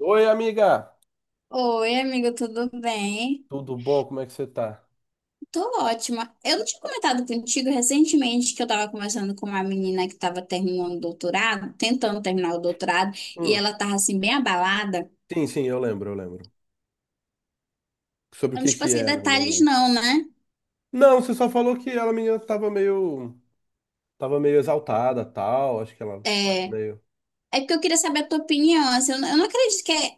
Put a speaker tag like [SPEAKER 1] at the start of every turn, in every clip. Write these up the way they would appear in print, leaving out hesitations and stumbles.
[SPEAKER 1] Oi, amiga!
[SPEAKER 2] Oi, amigo, tudo bem?
[SPEAKER 1] Tudo bom? Como é que você tá?
[SPEAKER 2] Tô ótima. Eu não tinha comentado contigo recentemente que eu tava conversando com uma menina que tava terminando o doutorado, tentando terminar o doutorado, e
[SPEAKER 1] Hum,
[SPEAKER 2] ela tava assim, bem abalada.
[SPEAKER 1] sim, sim, eu lembro, eu lembro. Sobre o
[SPEAKER 2] Eu não
[SPEAKER 1] que
[SPEAKER 2] te
[SPEAKER 1] que
[SPEAKER 2] passei
[SPEAKER 1] era o
[SPEAKER 2] detalhes,
[SPEAKER 1] negócio?
[SPEAKER 2] não, né?
[SPEAKER 1] Não, você só falou que ela, a menina, tava meio exaltada, tal. Acho que ela tava
[SPEAKER 2] É,
[SPEAKER 1] meio.
[SPEAKER 2] É porque eu queria saber a tua opinião. Assim, eu não acredito que é,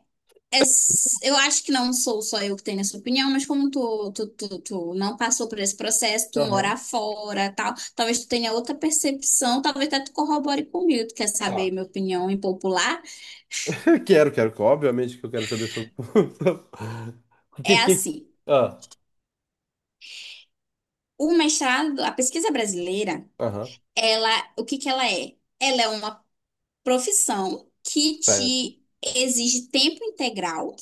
[SPEAKER 2] é s- eu acho que não sou só eu que tenho essa opinião, mas como tu não passou por esse processo, tu mora
[SPEAKER 1] Aham,
[SPEAKER 2] fora, tal, talvez tu tenha outra percepção, talvez até tu corrobore comigo. Tu quer saber
[SPEAKER 1] tá.
[SPEAKER 2] minha opinião impopular?
[SPEAKER 1] Quero, quero. Obviamente que eu quero saber sobre. O que
[SPEAKER 2] É
[SPEAKER 1] que?
[SPEAKER 2] assim,
[SPEAKER 1] Ah,
[SPEAKER 2] o mestrado, a pesquisa brasileira,
[SPEAKER 1] aham,
[SPEAKER 2] ela, o que que ela é? Ela é uma profissão que
[SPEAKER 1] certo.
[SPEAKER 2] te exige tempo integral.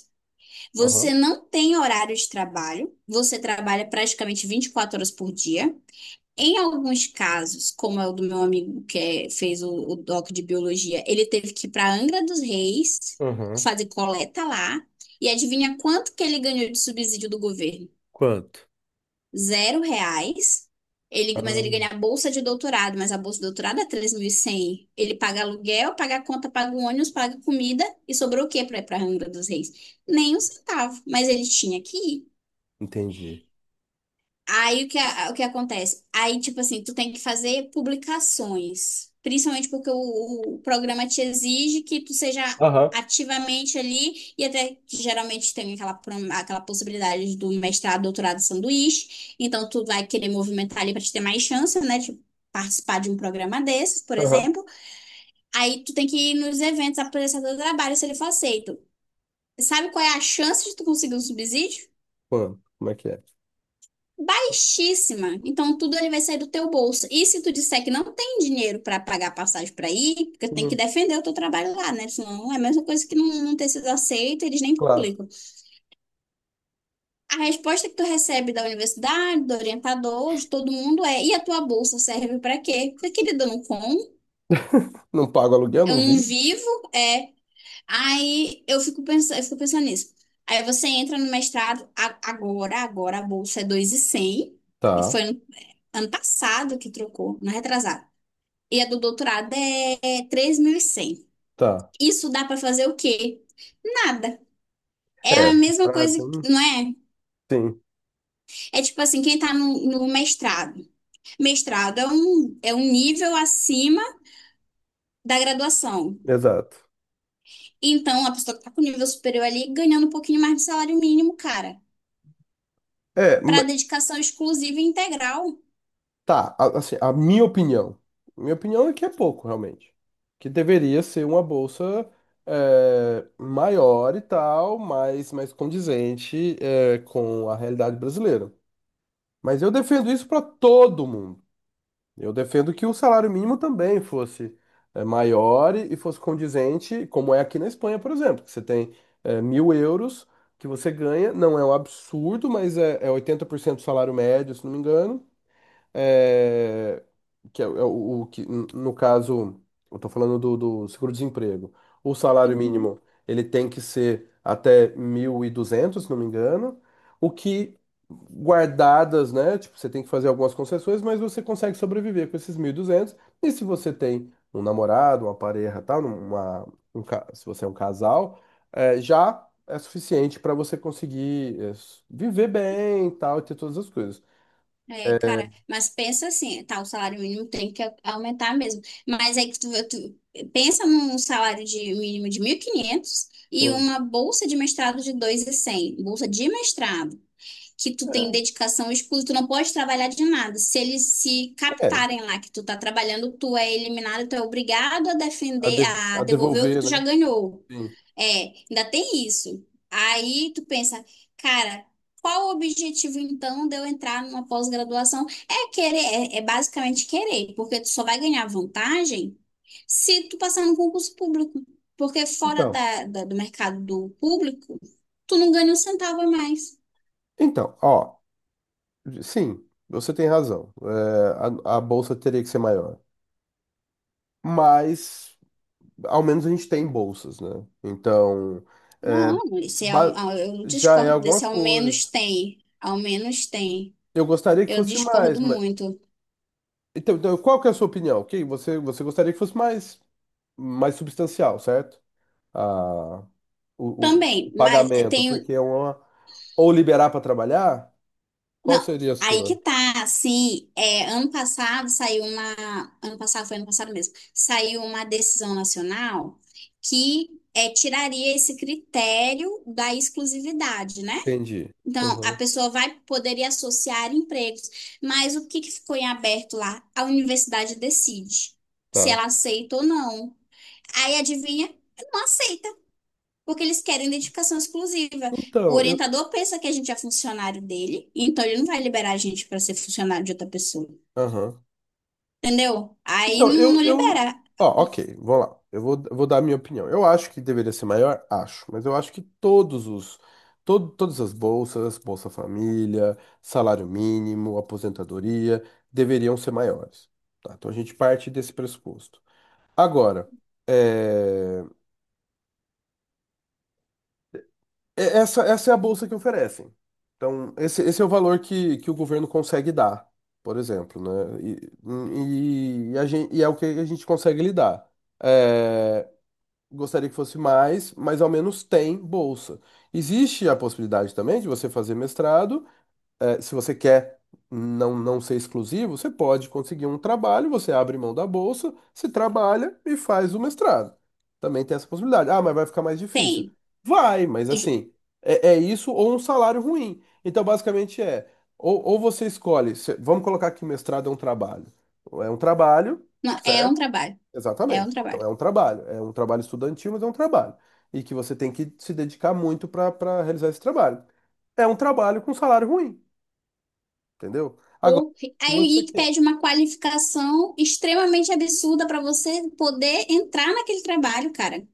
[SPEAKER 1] Aham,
[SPEAKER 2] Você não tem horário de trabalho, você trabalha praticamente 24 horas por dia. Em alguns casos, como é o do meu amigo fez o, doc de biologia, ele teve que ir para Angra dos Reis
[SPEAKER 1] aham.
[SPEAKER 2] fazer coleta lá. E adivinha quanto que ele ganhou de subsídio do governo?
[SPEAKER 1] Quanto?
[SPEAKER 2] Zero reais.
[SPEAKER 1] Ah,
[SPEAKER 2] Mas ele ganha a bolsa de doutorado, mas a bolsa de doutorado é 3.100. Ele paga aluguel, paga a conta, paga o ônibus, paga comida e sobrou o quê para ir para Angra dos Reis? Nem um centavo. Mas ele tinha que ir.
[SPEAKER 1] entendi.
[SPEAKER 2] Aí o que acontece? Aí, tipo assim, tu tem que fazer publicações, principalmente porque o programa te exige que tu seja
[SPEAKER 1] Aham,
[SPEAKER 2] ativamente ali, e até que geralmente tem aquela possibilidade do mestrado, doutorado, sanduíche, então tu vai querer movimentar ali para te ter mais chance, né? De participar de um programa desses, por
[SPEAKER 1] aham.
[SPEAKER 2] exemplo. Aí tu tem que ir nos eventos apresentar teu trabalho, se ele for aceito. Sabe qual é a chance de tu conseguir um subsídio?
[SPEAKER 1] Quanto? Como é que é?
[SPEAKER 2] Baixíssima. Então tudo ele vai sair do teu bolso. E se tu disser que não tem dinheiro para pagar passagem para ir, porque tem que
[SPEAKER 1] Hum,
[SPEAKER 2] defender o teu trabalho lá, né? Senão é a mesma coisa que não ter sido aceito, eles nem
[SPEAKER 1] claro.
[SPEAKER 2] publicam. A resposta que tu recebe da universidade, do orientador, de todo mundo é: e a tua bolsa serve para quê? Falei, querida, eu não como,
[SPEAKER 1] Não pago aluguel,
[SPEAKER 2] eu
[SPEAKER 1] não
[SPEAKER 2] não
[SPEAKER 1] vi?
[SPEAKER 2] vivo, é. Aí eu fico pensando nisso. Aí você entra no mestrado agora a bolsa é 2.100 e
[SPEAKER 1] Tá,
[SPEAKER 2] foi ano passado que trocou, não é retrasado. E a do doutorado é 3.100.
[SPEAKER 1] tá.
[SPEAKER 2] Isso dá pra fazer o quê? Nada. É
[SPEAKER 1] É,
[SPEAKER 2] a mesma
[SPEAKER 1] ah,
[SPEAKER 2] coisa,
[SPEAKER 1] então,
[SPEAKER 2] não é?
[SPEAKER 1] sim,
[SPEAKER 2] É tipo assim, quem tá no mestrado. Mestrado é um nível acima da graduação.
[SPEAKER 1] exato.
[SPEAKER 2] Então, a pessoa que tá com nível superior ali, ganhando um pouquinho mais de salário mínimo, cara,
[SPEAKER 1] É,
[SPEAKER 2] pra dedicação exclusiva e integral.
[SPEAKER 1] tá, assim, a minha opinião. Minha opinião é que é pouco, realmente. Que deveria ser uma bolsa maior e tal, mais condizente com a realidade brasileira. Mas eu defendo isso para todo mundo. Eu defendo que o salário mínimo também fosse maior e fosse condizente, como é aqui na Espanha, por exemplo, que você tem 1.000 euros que você ganha, não é um absurdo, mas é 80% do salário médio, se não me engano, é, que é, o, é o que, no caso, eu tô falando do seguro-desemprego. O salário
[SPEAKER 2] Uhum.
[SPEAKER 1] mínimo, ele tem que ser até 1.200, se não me engano, o que guardadas, né, tipo, você tem que fazer algumas concessões, mas você consegue sobreviver com esses 1.200. E se você tem um namorado, uma pareja, tal, se você é um casal, já é suficiente para você conseguir viver bem, e tal, e ter todas as coisas.
[SPEAKER 2] É,
[SPEAKER 1] É,
[SPEAKER 2] cara, mas pensa assim, tá, o salário mínimo tem que aumentar mesmo. Mas aí que tu pensa num salário de mínimo de 1.500 e quinhentos e
[SPEAKER 1] sim.
[SPEAKER 2] uma bolsa de mestrado de 2.100 bolsa de mestrado, que tu tem dedicação exclusiva, tu não pode trabalhar de nada. Se eles se
[SPEAKER 1] É,
[SPEAKER 2] captarem lá que tu tá trabalhando, tu é eliminado, tu é obrigado a
[SPEAKER 1] a,
[SPEAKER 2] defender,
[SPEAKER 1] de-
[SPEAKER 2] a
[SPEAKER 1] a
[SPEAKER 2] devolver o que
[SPEAKER 1] devolver,
[SPEAKER 2] tu já
[SPEAKER 1] né?
[SPEAKER 2] ganhou.
[SPEAKER 1] Sim.
[SPEAKER 2] É, ainda tem isso. Aí tu pensa, cara, qual o objetivo então de eu entrar numa pós-graduação? É querer, é basicamente querer, porque tu só vai ganhar vantagem se tu passar no concurso público. Porque fora
[SPEAKER 1] Então,
[SPEAKER 2] do mercado do público, tu não ganha um centavo a mais.
[SPEAKER 1] então, ó, sim, você tem razão. É, a bolsa teria que ser maior. Mas, ao menos a gente tem bolsas, né? Então, é,
[SPEAKER 2] Não, esse é, um-
[SPEAKER 1] ba-
[SPEAKER 2] ah, eu
[SPEAKER 1] já é
[SPEAKER 2] discordo
[SPEAKER 1] alguma
[SPEAKER 2] desse, ao menos
[SPEAKER 1] coisa.
[SPEAKER 2] tem. Ao menos tem.
[SPEAKER 1] Eu gostaria que
[SPEAKER 2] Eu
[SPEAKER 1] fosse mais,
[SPEAKER 2] discordo
[SPEAKER 1] mas.
[SPEAKER 2] muito.
[SPEAKER 1] Então, qual que é a sua opinião? Ok, você gostaria que fosse mais substancial, certo? A o, o
[SPEAKER 2] Também, mas
[SPEAKER 1] pagamento,
[SPEAKER 2] tem.
[SPEAKER 1] porque é uma. Ou liberar para trabalhar? Qual
[SPEAKER 2] Não,
[SPEAKER 1] seria a
[SPEAKER 2] aí
[SPEAKER 1] sua?
[SPEAKER 2] que tá, assim. Ano passado saiu uma, ano passado foi ano passado mesmo, saiu uma decisão nacional que tiraria esse critério da exclusividade, né?
[SPEAKER 1] Entendi.
[SPEAKER 2] Então, a
[SPEAKER 1] Aham,
[SPEAKER 2] pessoa vai poderia associar empregos, mas o que que ficou em aberto lá? A universidade decide se
[SPEAKER 1] tá.
[SPEAKER 2] ela aceita ou não. Aí adivinha? Não aceita porque eles querem identificação exclusiva. O
[SPEAKER 1] Então, eu.
[SPEAKER 2] orientador pensa que a gente é funcionário dele, então ele não vai liberar a gente para ser funcionário de outra pessoa.
[SPEAKER 1] Aham.
[SPEAKER 2] Entendeu? Aí
[SPEAKER 1] Então,
[SPEAKER 2] não,
[SPEAKER 1] eu,
[SPEAKER 2] não
[SPEAKER 1] eu.
[SPEAKER 2] libera.
[SPEAKER 1] Ó, ok, vou lá. Eu vou dar a minha opinião. Eu acho que deveria ser maior, acho, mas eu acho que todos os. Todas as bolsas, Bolsa Família, salário mínimo, aposentadoria, deveriam ser maiores. Tá? Então a gente parte desse pressuposto. Agora, eh, essa é a bolsa que oferecem. Então, esse é o valor que o governo consegue dar, por exemplo, né? E é o que a gente consegue lidar. É, gostaria que fosse mais, mas ao menos tem bolsa. Existe a possibilidade também de você fazer mestrado se você quer não ser exclusivo, você pode conseguir um trabalho, você abre mão da bolsa, se trabalha e faz o mestrado. Também tem essa possibilidade. Ah, mas vai ficar mais difícil.
[SPEAKER 2] Tem.
[SPEAKER 1] Vai, mas
[SPEAKER 2] Ju-
[SPEAKER 1] assim, é isso ou um salário ruim. Então, basicamente ou você escolhe, vamos colocar que mestrado é um trabalho. É um trabalho,
[SPEAKER 2] não, é um
[SPEAKER 1] certo?
[SPEAKER 2] trabalho. É um
[SPEAKER 1] Exatamente. Então,
[SPEAKER 2] trabalho.
[SPEAKER 1] é um trabalho. É um trabalho estudantil, mas é um trabalho. E que você tem que se dedicar muito para realizar esse trabalho. É um trabalho com salário ruim. Entendeu? Agora,
[SPEAKER 2] Ou,
[SPEAKER 1] se você
[SPEAKER 2] aí que
[SPEAKER 1] quer.
[SPEAKER 2] pede uma qualificação extremamente absurda para você poder entrar naquele trabalho, cara.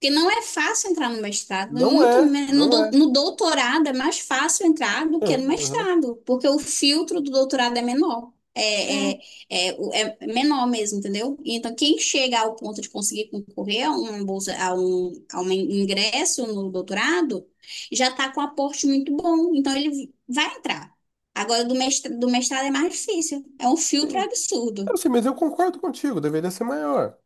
[SPEAKER 2] Porque não é fácil entrar no mestrado, e
[SPEAKER 1] Não
[SPEAKER 2] muito
[SPEAKER 1] é,
[SPEAKER 2] me- no,
[SPEAKER 1] não
[SPEAKER 2] dou-
[SPEAKER 1] é.
[SPEAKER 2] no doutorado é mais fácil entrar do que no
[SPEAKER 1] Aham. Aham.
[SPEAKER 2] mestrado, porque o filtro do doutorado é menor, é,
[SPEAKER 1] Sim,
[SPEAKER 2] é, é, o- é menor mesmo, entendeu? Então, quem chega ao ponto de conseguir concorrer a uma bolsa, a um ingresso no doutorado, já está com um aporte muito bom, então ele vai entrar. Agora, do mestrado é mais difícil, é um filtro
[SPEAKER 1] sim.
[SPEAKER 2] absurdo.
[SPEAKER 1] Eu sei, mas eu concordo contigo, deveria ser maior.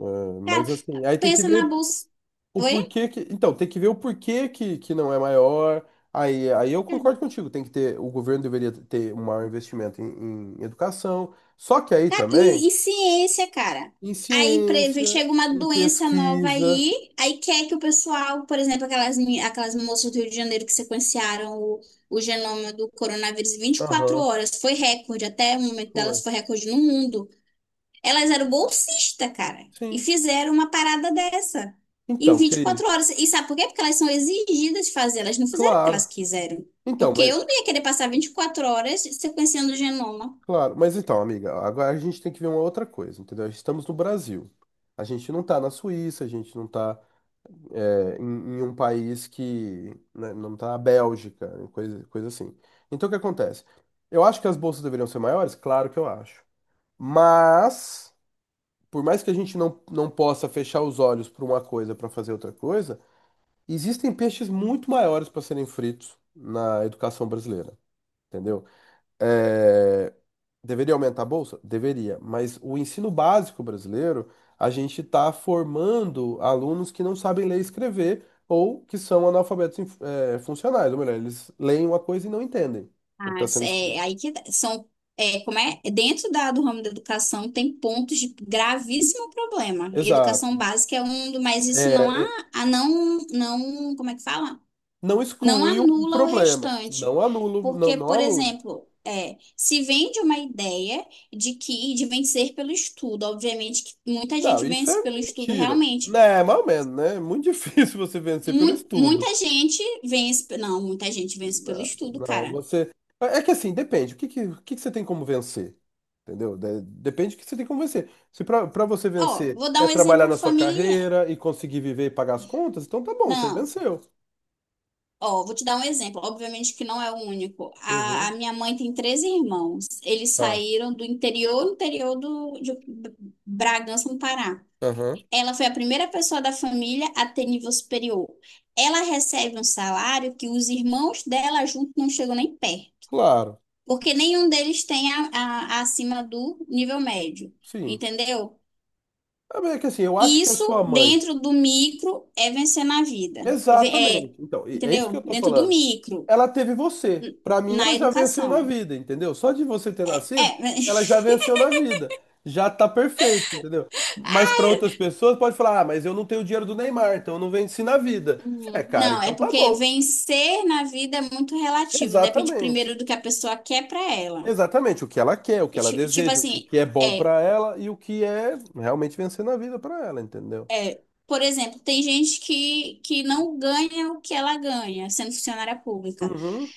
[SPEAKER 1] É,
[SPEAKER 2] Cara,
[SPEAKER 1] mas assim, aí tem que
[SPEAKER 2] pensa na
[SPEAKER 1] ver
[SPEAKER 2] bolsa.
[SPEAKER 1] o
[SPEAKER 2] Oi?
[SPEAKER 1] porquê que. Então, tem que ver o porquê que não é maior. Aí eu concordo contigo, tem que ter. O governo deveria ter um maior investimento em educação. Só que aí
[SPEAKER 2] Cara,
[SPEAKER 1] também,
[SPEAKER 2] E ciência, cara.
[SPEAKER 1] em
[SPEAKER 2] Aí
[SPEAKER 1] ciência,
[SPEAKER 2] chega uma
[SPEAKER 1] em
[SPEAKER 2] doença nova
[SPEAKER 1] pesquisa.
[SPEAKER 2] aí, quer que o pessoal, por exemplo, aquelas moças do Rio de Janeiro que sequenciaram o genoma do coronavírus em vinte e quatro
[SPEAKER 1] Aham,
[SPEAKER 2] horas, foi recorde, até o momento
[SPEAKER 1] foi.
[SPEAKER 2] delas foi recorde no mundo. Elas eram bolsistas, cara, e
[SPEAKER 1] Sim.
[SPEAKER 2] fizeram uma parada dessa em
[SPEAKER 1] Então,
[SPEAKER 2] vinte e
[SPEAKER 1] querido,
[SPEAKER 2] quatro horas. E sabe por quê? Porque elas são exigidas de fazer, elas não fizeram o que
[SPEAKER 1] claro.
[SPEAKER 2] elas quiseram.
[SPEAKER 1] Então,
[SPEAKER 2] Porque
[SPEAKER 1] mas
[SPEAKER 2] eu não ia querer passar 24 horas sequenciando o genoma.
[SPEAKER 1] Claro, mas então, amiga, agora a gente tem que ver uma outra coisa, entendeu? Estamos no Brasil. A gente não tá na Suíça, a gente não tá em um país que, né, não tá na Bélgica, né, coisa assim. Então, o que acontece? Eu acho que as bolsas deveriam ser maiores? Claro que eu acho. Mas, por mais que a gente não possa fechar os olhos para uma coisa para fazer outra coisa, existem peixes muito maiores para serem fritos na educação brasileira, entendeu? É, deveria aumentar a bolsa? Deveria, mas o ensino básico brasileiro, a gente está formando alunos que não sabem ler e escrever ou que são analfabetos funcionais, ou melhor, eles leem uma coisa e não entendem o que está sendo
[SPEAKER 2] É,
[SPEAKER 1] escrito.
[SPEAKER 2] aí que tá- são, é, como é, dentro do ramo da educação tem pontos de gravíssimo problema. E
[SPEAKER 1] Exato.
[SPEAKER 2] educação básica é um, do- mas isso não
[SPEAKER 1] É,
[SPEAKER 2] a,
[SPEAKER 1] é,
[SPEAKER 2] a não, não, como é que fala?
[SPEAKER 1] não
[SPEAKER 2] Não
[SPEAKER 1] exclui o
[SPEAKER 2] anula o
[SPEAKER 1] problema,
[SPEAKER 2] restante.
[SPEAKER 1] não anulo, não,
[SPEAKER 2] Porque,
[SPEAKER 1] não
[SPEAKER 2] por
[SPEAKER 1] aluno.
[SPEAKER 2] exemplo, se vende uma ideia de que de vencer pelo estudo, obviamente que muita
[SPEAKER 1] Não,
[SPEAKER 2] gente
[SPEAKER 1] isso é
[SPEAKER 2] vence pelo estudo
[SPEAKER 1] mentira.
[SPEAKER 2] realmente.
[SPEAKER 1] Né, mais ou menos, né? É muito difícil você vencer pelo
[SPEAKER 2] Mui-
[SPEAKER 1] estudo.
[SPEAKER 2] muita gente vence, não, muita gente vence pelo
[SPEAKER 1] Não,
[SPEAKER 2] estudo,
[SPEAKER 1] não,
[SPEAKER 2] cara.
[SPEAKER 1] você. É que assim, depende. O que você tem como vencer? Entendeu? Depende do que você tem como vencer. Se pra você
[SPEAKER 2] Ó,
[SPEAKER 1] vencer
[SPEAKER 2] vou dar
[SPEAKER 1] é
[SPEAKER 2] um
[SPEAKER 1] trabalhar
[SPEAKER 2] exemplo
[SPEAKER 1] na sua
[SPEAKER 2] familiar.
[SPEAKER 1] carreira e conseguir viver e pagar as contas, então tá bom, você
[SPEAKER 2] Não.
[SPEAKER 1] venceu.
[SPEAKER 2] Ó, vou te dar um exemplo. Obviamente que não é o único. A
[SPEAKER 1] Uhum.
[SPEAKER 2] minha mãe tem três irmãos. Eles
[SPEAKER 1] Tá.
[SPEAKER 2] saíram do interior, interior de Bragança, no Pará.
[SPEAKER 1] Aham.
[SPEAKER 2] Ela foi a primeira pessoa da família a ter nível superior. Ela recebe um salário que os irmãos dela juntos não chegam nem perto,
[SPEAKER 1] Claro,
[SPEAKER 2] porque nenhum deles tem acima do nível médio,
[SPEAKER 1] sim.
[SPEAKER 2] entendeu?
[SPEAKER 1] Ah, mas é que assim, eu acho que a
[SPEAKER 2] Isso
[SPEAKER 1] sua mãe.
[SPEAKER 2] dentro do micro é vencer na vida. É,
[SPEAKER 1] Exatamente. Então, é isso que
[SPEAKER 2] entendeu?
[SPEAKER 1] eu tô
[SPEAKER 2] Dentro do
[SPEAKER 1] falando.
[SPEAKER 2] micro.
[SPEAKER 1] Ela teve você. Pra mim, ela
[SPEAKER 2] Na
[SPEAKER 1] já venceu na
[SPEAKER 2] educação.
[SPEAKER 1] vida, entendeu? Só de você ter nascido,
[SPEAKER 2] É,
[SPEAKER 1] ela já venceu na vida. Já tá perfeito, entendeu? Mas pra outras pessoas pode falar: "Ah, mas eu não tenho o dinheiro do Neymar, então eu não venci na vida". É,
[SPEAKER 2] hum,
[SPEAKER 1] cara,
[SPEAKER 2] não, é
[SPEAKER 1] então tá
[SPEAKER 2] porque
[SPEAKER 1] bom.
[SPEAKER 2] vencer na vida é muito relativo, depende
[SPEAKER 1] Exatamente.
[SPEAKER 2] primeiro do que a pessoa quer pra ela.
[SPEAKER 1] Exatamente o que ela quer, o que ela
[SPEAKER 2] Tipo
[SPEAKER 1] deseja,
[SPEAKER 2] assim,
[SPEAKER 1] o que é bom pra ela e o que é realmente vencer na vida pra ela, entendeu?
[SPEAKER 2] por exemplo, tem gente que não ganha o que ela ganha sendo funcionária pública,
[SPEAKER 1] Uhum.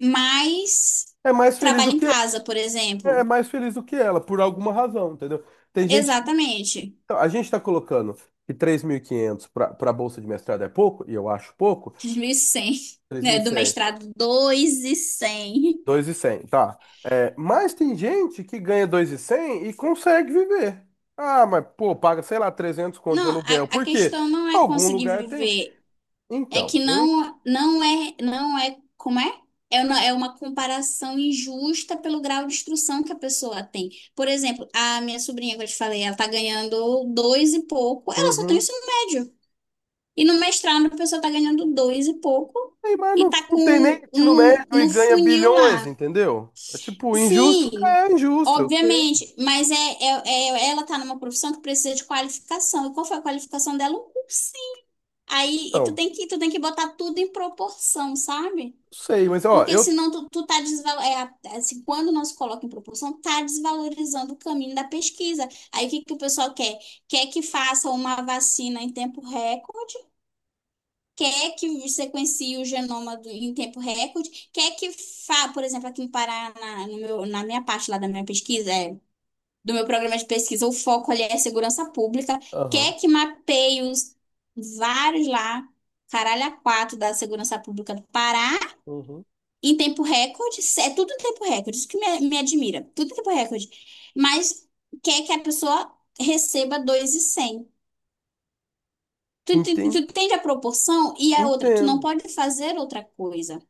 [SPEAKER 2] mas
[SPEAKER 1] É mais feliz
[SPEAKER 2] trabalha
[SPEAKER 1] do
[SPEAKER 2] em
[SPEAKER 1] que
[SPEAKER 2] casa, por
[SPEAKER 1] é
[SPEAKER 2] exemplo.
[SPEAKER 1] mais feliz do que ela, por alguma razão, entendeu? Tem gente.
[SPEAKER 2] Exatamente,
[SPEAKER 1] Então, a gente está colocando que 3.500 para a bolsa de mestrado é pouco, e eu acho pouco,
[SPEAKER 2] três mil e cem,
[SPEAKER 1] três mil
[SPEAKER 2] né,
[SPEAKER 1] e
[SPEAKER 2] do
[SPEAKER 1] cem,
[SPEAKER 2] mestrado dois mil e
[SPEAKER 1] dois mil e
[SPEAKER 2] cem.
[SPEAKER 1] 2.100, tá. É, mas tem gente que ganha 2.100 e cem e consegue viver. Ah, mas, pô, paga, sei lá, 300 conto de
[SPEAKER 2] Não, a,
[SPEAKER 1] aluguel.
[SPEAKER 2] a
[SPEAKER 1] Por quê?
[SPEAKER 2] questão não é
[SPEAKER 1] Algum
[SPEAKER 2] conseguir
[SPEAKER 1] lugar tem.
[SPEAKER 2] viver. É que
[SPEAKER 1] Então, eu.
[SPEAKER 2] não, não é, não é, como é? É uma comparação injusta pelo grau de instrução que a pessoa tem. Por exemplo, a minha sobrinha que eu te falei, ela tá ganhando dois e pouco, ela só tem o
[SPEAKER 1] Uhum.
[SPEAKER 2] ensino médio. E no mestrado a pessoa tá ganhando dois e pouco
[SPEAKER 1] Ei, mas
[SPEAKER 2] e
[SPEAKER 1] não,
[SPEAKER 2] tá
[SPEAKER 1] não tem nem
[SPEAKER 2] com
[SPEAKER 1] ensino
[SPEAKER 2] no,
[SPEAKER 1] médio e
[SPEAKER 2] no
[SPEAKER 1] ganha
[SPEAKER 2] funil
[SPEAKER 1] bilhões,
[SPEAKER 2] lá.
[SPEAKER 1] entendeu? É tipo, injusto
[SPEAKER 2] Sim,
[SPEAKER 1] é injusto. Eu sei.
[SPEAKER 2] obviamente, mas ela tá numa profissão que precisa de qualificação. E qual foi a qualificação dela? Um curso. Aí e tu
[SPEAKER 1] Então, não
[SPEAKER 2] tem que botar tudo em proporção, sabe?
[SPEAKER 1] sei, mas, ó,
[SPEAKER 2] Porque
[SPEAKER 1] eu.
[SPEAKER 2] senão tu, tu tá desval... é, a- assim, quando não se coloca em proporção, tá desvalorizando o caminho da pesquisa. Aí o que que o pessoal quer? Quer que faça uma vacina em tempo recorde, quer que sequencie o genoma em tempo recorde, quer que por exemplo, aqui no Pará, na, no meu- na minha parte lá da minha pesquisa, do meu programa de pesquisa, o foco ali é segurança pública,
[SPEAKER 1] Aham.
[SPEAKER 2] quer que mapeie os vários lá, caralho, a quatro da segurança pública do Pará,
[SPEAKER 1] Uhum.
[SPEAKER 2] em tempo recorde, é tudo em tempo recorde, isso que me admira, tudo em tempo recorde, mas quer que a pessoa receba 2.100. Tu
[SPEAKER 1] Enten-
[SPEAKER 2] entende a proporção e a outra, tu não
[SPEAKER 1] Entendo.
[SPEAKER 2] pode fazer outra coisa.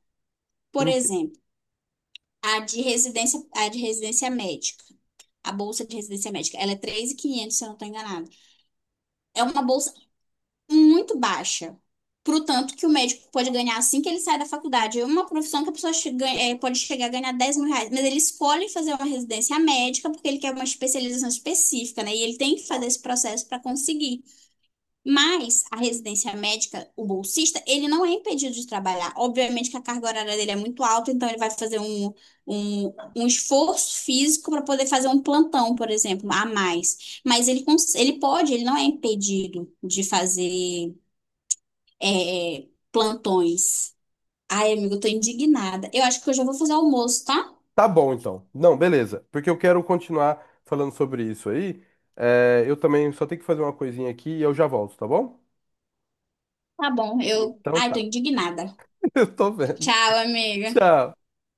[SPEAKER 2] Por
[SPEAKER 1] Entendo.
[SPEAKER 2] exemplo, a de residência médica, a bolsa de residência médica, ela é 3.500 se eu não estou enganada. É uma bolsa muito baixa. Pro tanto que o médico pode ganhar assim que ele sai da faculdade. É uma profissão que a pessoa pode chegar a ganhar 10 mil reais, mas ele escolhe fazer uma residência médica porque ele quer uma especialização específica, né? E ele tem que fazer esse processo para conseguir. Mas a residência médica, o bolsista, ele não é impedido de trabalhar. Obviamente que a carga horária dele é muito alta, então ele vai fazer um esforço físico para poder fazer um plantão, por exemplo, a mais. Mas ele, cons- ele pode, ele não é impedido de fazer plantões. Ai, amigo, eu tô indignada. Eu acho que eu já vou fazer almoço, tá?
[SPEAKER 1] Tá bom, então. Não, beleza. Porque eu quero continuar falando sobre isso aí. É, eu também só tenho que fazer uma coisinha aqui e eu já volto, tá bom?
[SPEAKER 2] Tá bom, eu.
[SPEAKER 1] Então
[SPEAKER 2] Ai, tô
[SPEAKER 1] tá.
[SPEAKER 2] indignada.
[SPEAKER 1] Eu tô vendo.
[SPEAKER 2] Tchau, amiga.
[SPEAKER 1] Tchau.